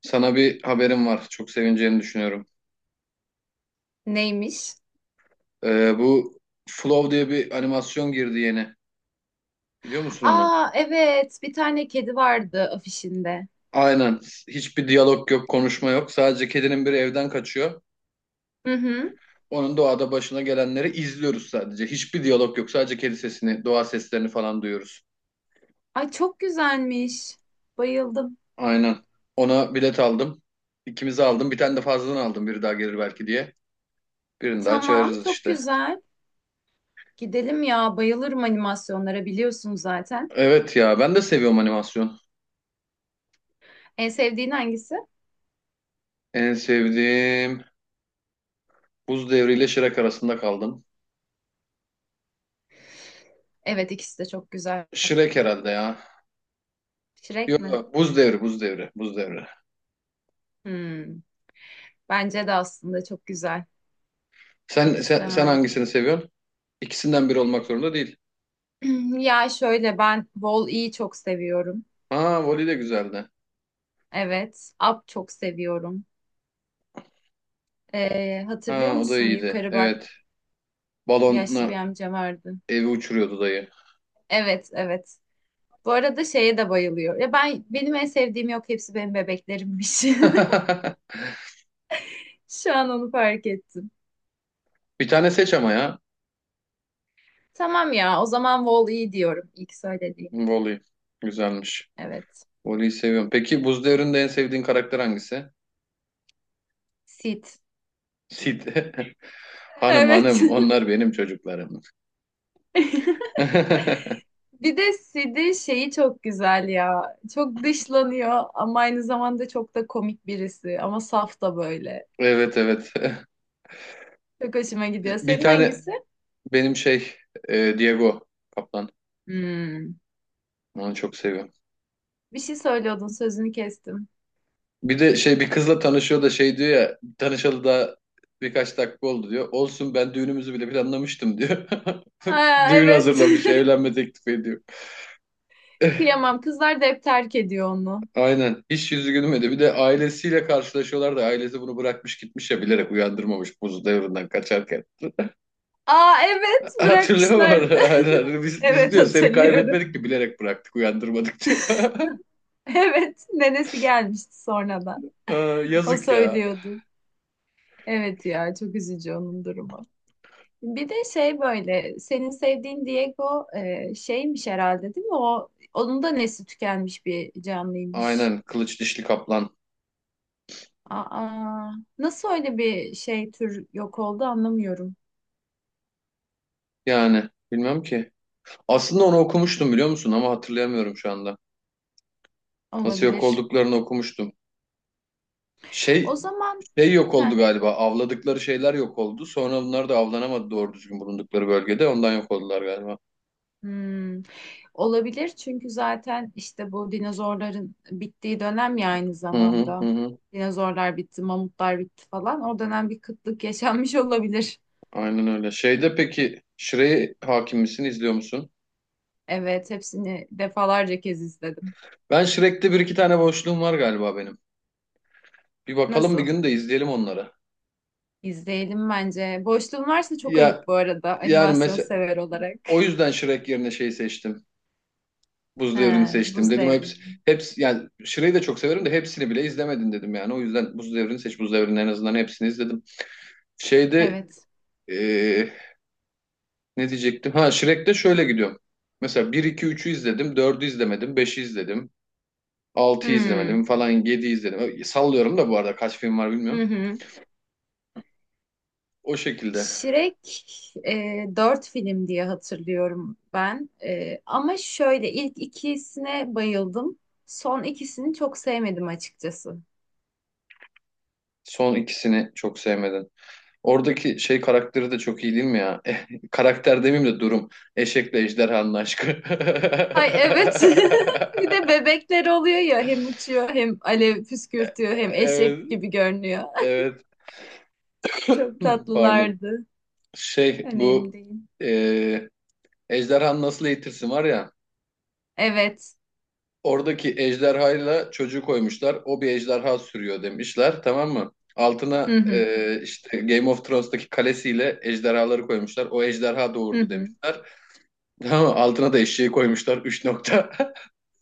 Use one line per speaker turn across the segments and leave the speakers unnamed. Sana bir haberim var. Çok sevineceğini düşünüyorum.
Neymiş?
Bu Flow diye bir animasyon girdi yeni. Biliyor musun onu?
Aa, evet, bir tane kedi vardı afişinde.
Aynen. Hiçbir diyalog yok, konuşma yok. Sadece kedinin biri evden kaçıyor.
Hı hı.
Onun doğada başına gelenleri izliyoruz sadece. Hiçbir diyalog yok. Sadece kedi sesini, doğa seslerini falan duyuyoruz.
Ay, çok güzelmiş. Bayıldım.
Aynen. Ona bilet aldım. İkimizi aldım. Bir tane de fazladan aldım. Biri daha gelir belki diye. Birini daha
Tamam,
çağırırız
çok
işte.
güzel. Gidelim ya, bayılırım animasyonlara biliyorsun zaten.
Evet ya ben de seviyorum animasyon.
En sevdiğin hangisi?
En sevdiğim Buz Devri ile Shrek arasında kaldım.
Evet, ikisi de çok güzel.
Shrek herhalde ya.
Shrek mi?
Yok, Buz Devri, Buz Devri, Buz Devri.
Hmm, bence de aslında çok güzel.
Sen,
İkisi de
sen, sen
harika.
hangisini seviyorsun? İkisinden biri olmak zorunda değil.
Ya şöyle, ben Wall-E'yi çok seviyorum.
Ha, voli de güzeldi.
Evet. Up çok seviyorum. Hatırlıyor
Ha, o da
musun?
iyiydi.
Yukarı bak.
Evet.
Yaşlı
Balonla
bir amca vardı.
evi uçuruyordu dayı.
Evet, evet. Bu arada şeye de bayılıyor. Ya ben, benim en sevdiğim yok, hepsi benim bebeklerimmiş. Şu an onu fark ettim.
Bir tane seç ama ya.
Tamam ya, o zaman Wall-E diyorum, ilk söylediğim.
Voli. Güzelmiş.
Evet.
Voli'yi seviyorum. Peki Buz Devri'nde en sevdiğin karakter hangisi?
Sid.
Sid. Hanım
Evet.
hanım, onlar benim çocuklarım.
Bir de Sid'in şeyi çok güzel ya. Çok dışlanıyor ama aynı zamanda çok da komik birisi. Ama saf da böyle.
Evet evet.
Çok hoşuma gidiyor.
Bir
Senin
tane
hangisi?
benim Diego Kaplan.
Hmm.
Onu çok seviyorum.
Bir şey söylüyordun, sözünü kestim.
Bir de şey bir kızla tanışıyor da şey diyor ya tanışalı da birkaç dakika oldu diyor. Olsun ben düğünümüzü bile planlamıştım diyor.
Aa,
Düğün
evet.
hazırlamış, evlenme teklif ediyor.
Kıyamam. Kızlar da hep terk ediyor onu.
Aynen. Hiç yüzü gülmedi. Bir de ailesiyle karşılaşıyorlar da ailesi bunu bırakmış gitmiş ya bilerek uyandırmamış buz devrinden kaçarken.
Aa, evet,
Hatırlıyor
bırakmışlardı.
musun? Aynen. Biz
Evet,
diyor seni
hatırlıyorum.
kaybetmedik ki bilerek bıraktık uyandırmadık diyor.
Evet, nenesi gelmişti sonradan.
Aa,
O
yazık ya.
söylüyordu. Evet ya, çok üzücü onun durumu. Bir de şey böyle, senin sevdiğin Diego şeymiş herhalde değil mi? O, onun da nesli tükenmiş bir canlıymış.
Aynen kılıç dişli kaplan.
Aa, nasıl öyle bir şey, tür yok oldu anlamıyorum.
Yani bilmem ki. Aslında onu okumuştum biliyor musun ama hatırlayamıyorum şu anda. Nasıl yok
Olabilir.
olduklarını okumuştum.
O
Şey,
zaman
şey yok oldu
heh,
galiba. Avladıkları şeyler yok oldu. Sonra bunlar da avlanamadı doğru düzgün bulundukları bölgede. Ondan yok oldular galiba.
hmm. Olabilir, çünkü zaten işte bu dinozorların bittiği dönem ya aynı
Hı hı hı.
zamanda.
hı.
Dinozorlar bitti, mamutlar bitti falan. O dönem bir kıtlık yaşanmış olabilir.
Aynen öyle. Şeyde peki Shrek'e hakim misin, izliyor musun?
Evet, hepsini defalarca kez izledim.
Ben Shrek'te bir iki tane boşluğum var galiba benim. Bir bakalım bir
Nasıl?
gün de izleyelim onları.
İzleyelim bence. Boşluğun varsa çok
Ya
ayıp bu arada,
yani
animasyon
mesela
sever olarak.
o yüzden Shrek yerine şey seçtim. Buz Devri'ni
He,
seçtim.
Buz
Dedim hepsi,
Devrimi.
hepsi yani Şire'yi de çok severim de hepsini bile izlemedin dedim yani. O yüzden Buz Devri'ni seç. Buz Devri'nin en azından hepsini izledim. Şeyde
Evet.
eee, ne diyecektim? Ha Shrek'te şöyle gidiyorum. Mesela bir 2 üçü izledim. Dördü izlemedim. Beşi izledim. 6'yı izlemedim
Hmm.
falan. 7'yi izledim. Sallıyorum da bu arada kaç film var
Hı
bilmiyorum.
hı.
O şekilde.
Shrek 4 film diye hatırlıyorum ben. E, ama şöyle ilk ikisine bayıldım. Son ikisini çok sevmedim açıkçası.
Son ikisini çok sevmedim. Oradaki şey karakteri de çok iyi değil mi ya? Karakter demeyeyim de durum. Eşekle ejderhanın aşkı.
Ay evet. Bir de bebekler oluyor ya, hem uçuyor hem alev
Evet,
püskürtüyor hem eşek gibi görünüyor.
evet.
Çok
Pardon.
tatlılardı.
Şey
Önemli
bu
değil.
e, ejderhanın nasıl eğitirsin var ya.
Evet.
Oradaki ejderhayla çocuğu koymuşlar. O bir ejderha sürüyor demişler tamam mı? Altına
Hı hı.
işte Game of Thrones'taki kalesiyle ejderhaları koymuşlar. O ejderha
Hı
doğurdu
hı.
demişler. Tamam mı? Altına da eşeği koymuşlar. Üç nokta.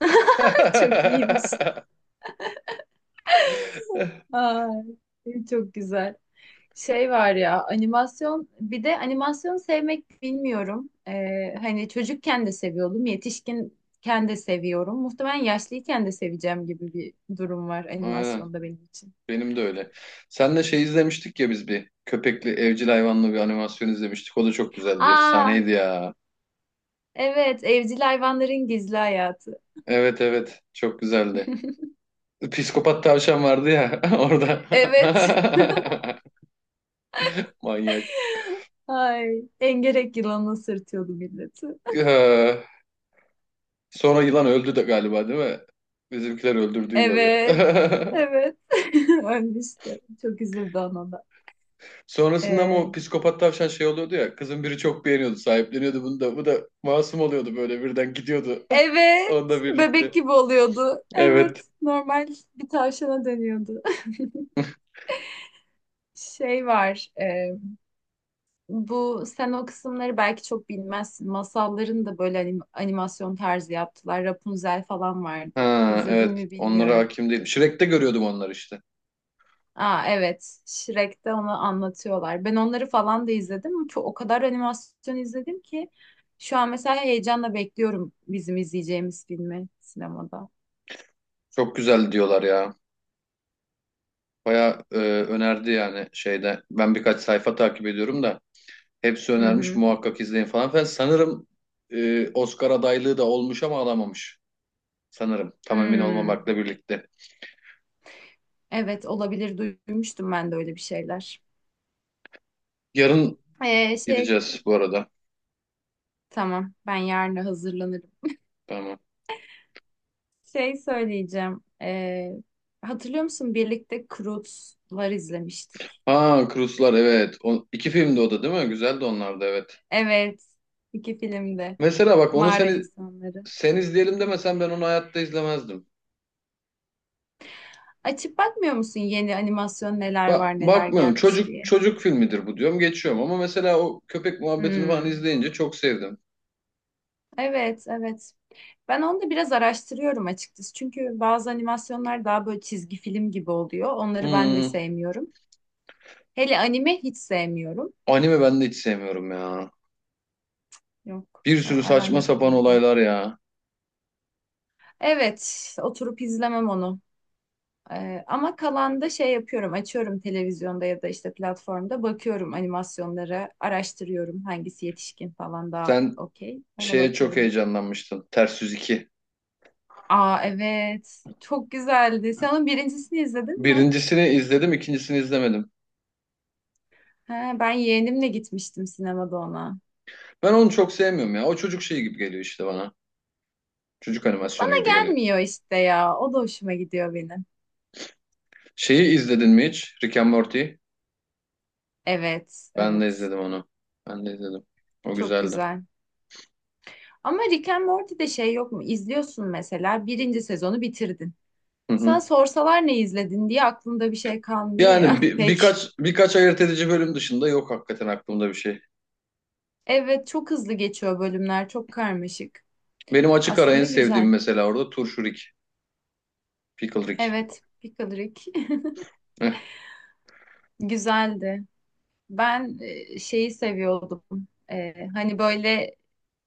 Çok iyiymiş. Ay, çok güzel. Şey var ya, animasyon, bir de animasyon sevmek bilmiyorum. Hani çocukken de seviyordum, yetişkinken de seviyorum. Muhtemelen yaşlıyken de seveceğim gibi bir durum var
Aynen.
animasyonda benim için.
Benim de öyle. Senle şey izlemiştik ya biz bir köpekli evcil hayvanlı bir animasyon izlemiştik. O da çok güzeldi.
Aa
Efsaneydi ya.
evet, evcil hayvanların gizli hayatı.
Evet evet çok güzeldi. Psikopat tavşan vardı ya orada.
Evet.
Manyak.
Ay, engerek yılanına sırtıyordu milleti.
Ee, sonra yılan öldü de galiba değil mi? Bizimkiler öldürdü yılanı.
Evet. Evet. Ölmüştü. Çok üzüldü ona da.
Sonrasında ama o
Ee,
psikopat tavşan şey oluyordu ya. Kızın biri çok beğeniyordu, sahipleniyordu bunu da. Bu da masum oluyordu böyle birden gidiyordu.
Evet,
Onunla
bebek
birlikte.
gibi oluyordu.
Evet.
Evet, normal bir tavşana dönüyordu. Şey var, bu sen o kısımları belki çok bilmezsin. Masalların da böyle animasyon tarzı yaptılar. Rapunzel falan vardı.
Ha,
İzledin
evet
mi
onlara
bilmiyorum.
hakim değilim. Shrek'te görüyordum onları işte.
Aa evet, Shrek'te onu anlatıyorlar. Ben onları falan da izledim. Çok, o kadar animasyon izledim ki şu an mesela heyecanla bekliyorum bizim izleyeceğimiz filmi sinemada.
Çok güzel diyorlar ya. Baya önerdi yani şeyde. Ben birkaç sayfa takip ediyorum da hepsi
Hı
önermiş
hı.
muhakkak izleyin falan filan. Sanırım Oscar adaylığı da olmuş ama alamamış. Sanırım tam emin
Hmm.
olmamakla birlikte.
Evet olabilir, duymuştum ben de öyle bir şeyler.
Yarın
Şey
gideceğiz bu arada.
tamam, ben yarın hazırlanırım.
Tamam.
Şey söyleyeceğim. Hatırlıyor musun birlikte Croods'lar izlemiştik.
Ha Cruise'lar evet. O, iki filmdi o da değil mi? Güzeldi onlar da evet.
Evet, iki filmde
Mesela bak onu
mağara
seni
insanları.
sen izleyelim demesen ben onu hayatta izlemezdim.
Açıp bakmıyor musun, yeni animasyon neler var, neler
Bakmıyorum.
gelmiş
Çocuk
diye.
çocuk filmidir bu diyorum. Geçiyorum ama mesela o köpek muhabbetini falan
Hmm,
izleyince çok sevdim.
evet, evet. Ben onu da biraz araştırıyorum açıkçası. Çünkü bazı animasyonlar daha böyle çizgi film gibi oluyor. Onları ben de
Hmm,
sevmiyorum. Hele anime hiç sevmiyorum.
anime ben de hiç sevmiyorum ya.
Yok,
Bir sürü
aram
saçma
yok
sapan
benim de.
olaylar ya.
Evet, oturup izlemem onu. Ama kalanda şey yapıyorum, açıyorum televizyonda ya da işte platformda bakıyorum animasyonlara, araştırıyorum hangisi yetişkin falan daha
Sen
okey. Ona
şeye çok
bakıyorum.
heyecanlanmıştın. Ters Yüz 2.
Aa evet, çok güzeldi. Sen onun birincisini izledin mi?
Birincisini izledim, ikincisini izlemedim.
He, ben yeğenimle gitmiştim sinemada ona.
Ben onu çok sevmiyorum ya. O çocuk şeyi gibi geliyor işte bana. Çocuk
Bana
animasyonu gibi geliyor.
gelmiyor işte ya, o da hoşuma gidiyor benim.
Şeyi izledin mi hiç? Rick and Morty.
Evet,
Ben de
evet,
izledim onu. Ben de izledim. O
çok
güzeldi.
güzel. Ama Rick and Morty'de şey yok mu? İzliyorsun mesela, birinci sezonu bitirdin.
Hı
Sana
hı.
sorsalar ne izledin diye, aklında bir şey kalmıyor
Yani
ya
bir,
pek.
birkaç birkaç ayırt edici bölüm dışında yok hakikaten aklımda bir şey.
Evet, çok hızlı geçiyor bölümler, çok karmaşık.
Benim açık ara en
Aslında
sevdiğim
güzel.
mesela orada turşurik, pickle Rick.
Evet, Pickle Rick
Heh.
güzeldi. Ben şeyi seviyordum. Hani böyle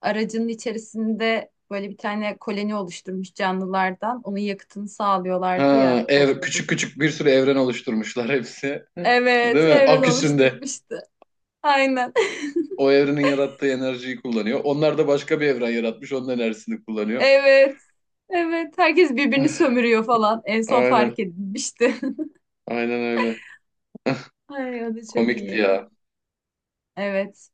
aracının içerisinde böyle bir tane koloni oluşturmuş canlılardan. Onun yakıtını sağlıyorlardı ya, topluluk.
Küçük küçük bir sürü evren oluşturmuşlar hepsi.
Evet,
Değil mi?
evren
Aküsünde
oluşturmuştu. Aynen.
o evrenin yarattığı enerjiyi kullanıyor. Onlar da başka bir evren yaratmış, onun enerjisini kullanıyor.
Evet. Evet. Herkes birbirini sömürüyor falan. En son
Aynen,
fark edilmişti.
aynen öyle.
Ay, o da çok
Komikti
iyi.
ya.
Evet.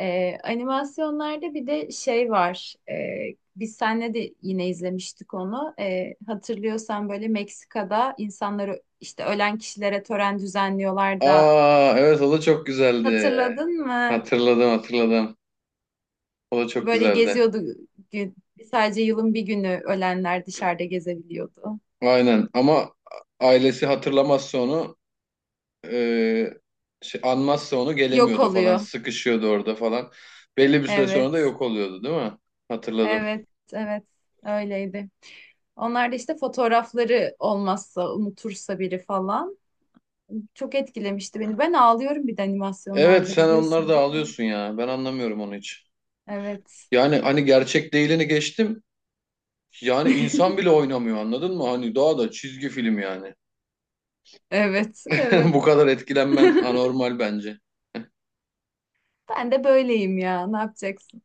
Animasyonlarda bir de şey var. Biz seninle de yine izlemiştik onu. Hatırlıyorsan böyle Meksika'da insanları, işte ölen kişilere tören düzenliyorlar da,
Aa, evet o da çok güzeldi.
hatırladın mı?
Hatırladım. O da çok
Böyle
güzeldi.
geziyordu gün. Sadece yılın bir günü ölenler dışarıda gezebiliyordu.
Aynen ama ailesi hatırlamazsa onu e, anmazsa onu
Yok
gelemiyordu falan
oluyor.
sıkışıyordu orada falan. Belli bir süre sonra da
Evet.
yok oluyordu değil mi? Hatırladım.
Evet. Evet. Öyleydi. Onlar da işte fotoğrafları olmazsa, unutursa biri falan. Çok etkilemişti beni. Ben ağlıyorum bir de
Evet
animasyonlarda,
sen onları
biliyorsun
da
değil mi?
alıyorsun ya ben anlamıyorum onu hiç.
Evet.
Yani hani gerçek değilini geçtim yani insan bile oynamıyor anladın mı? Hani daha da çizgi film yani.
Evet, evet.
Bu kadar etkilenmen anormal bence.
Ben de böyleyim ya. Ne yapacaksın?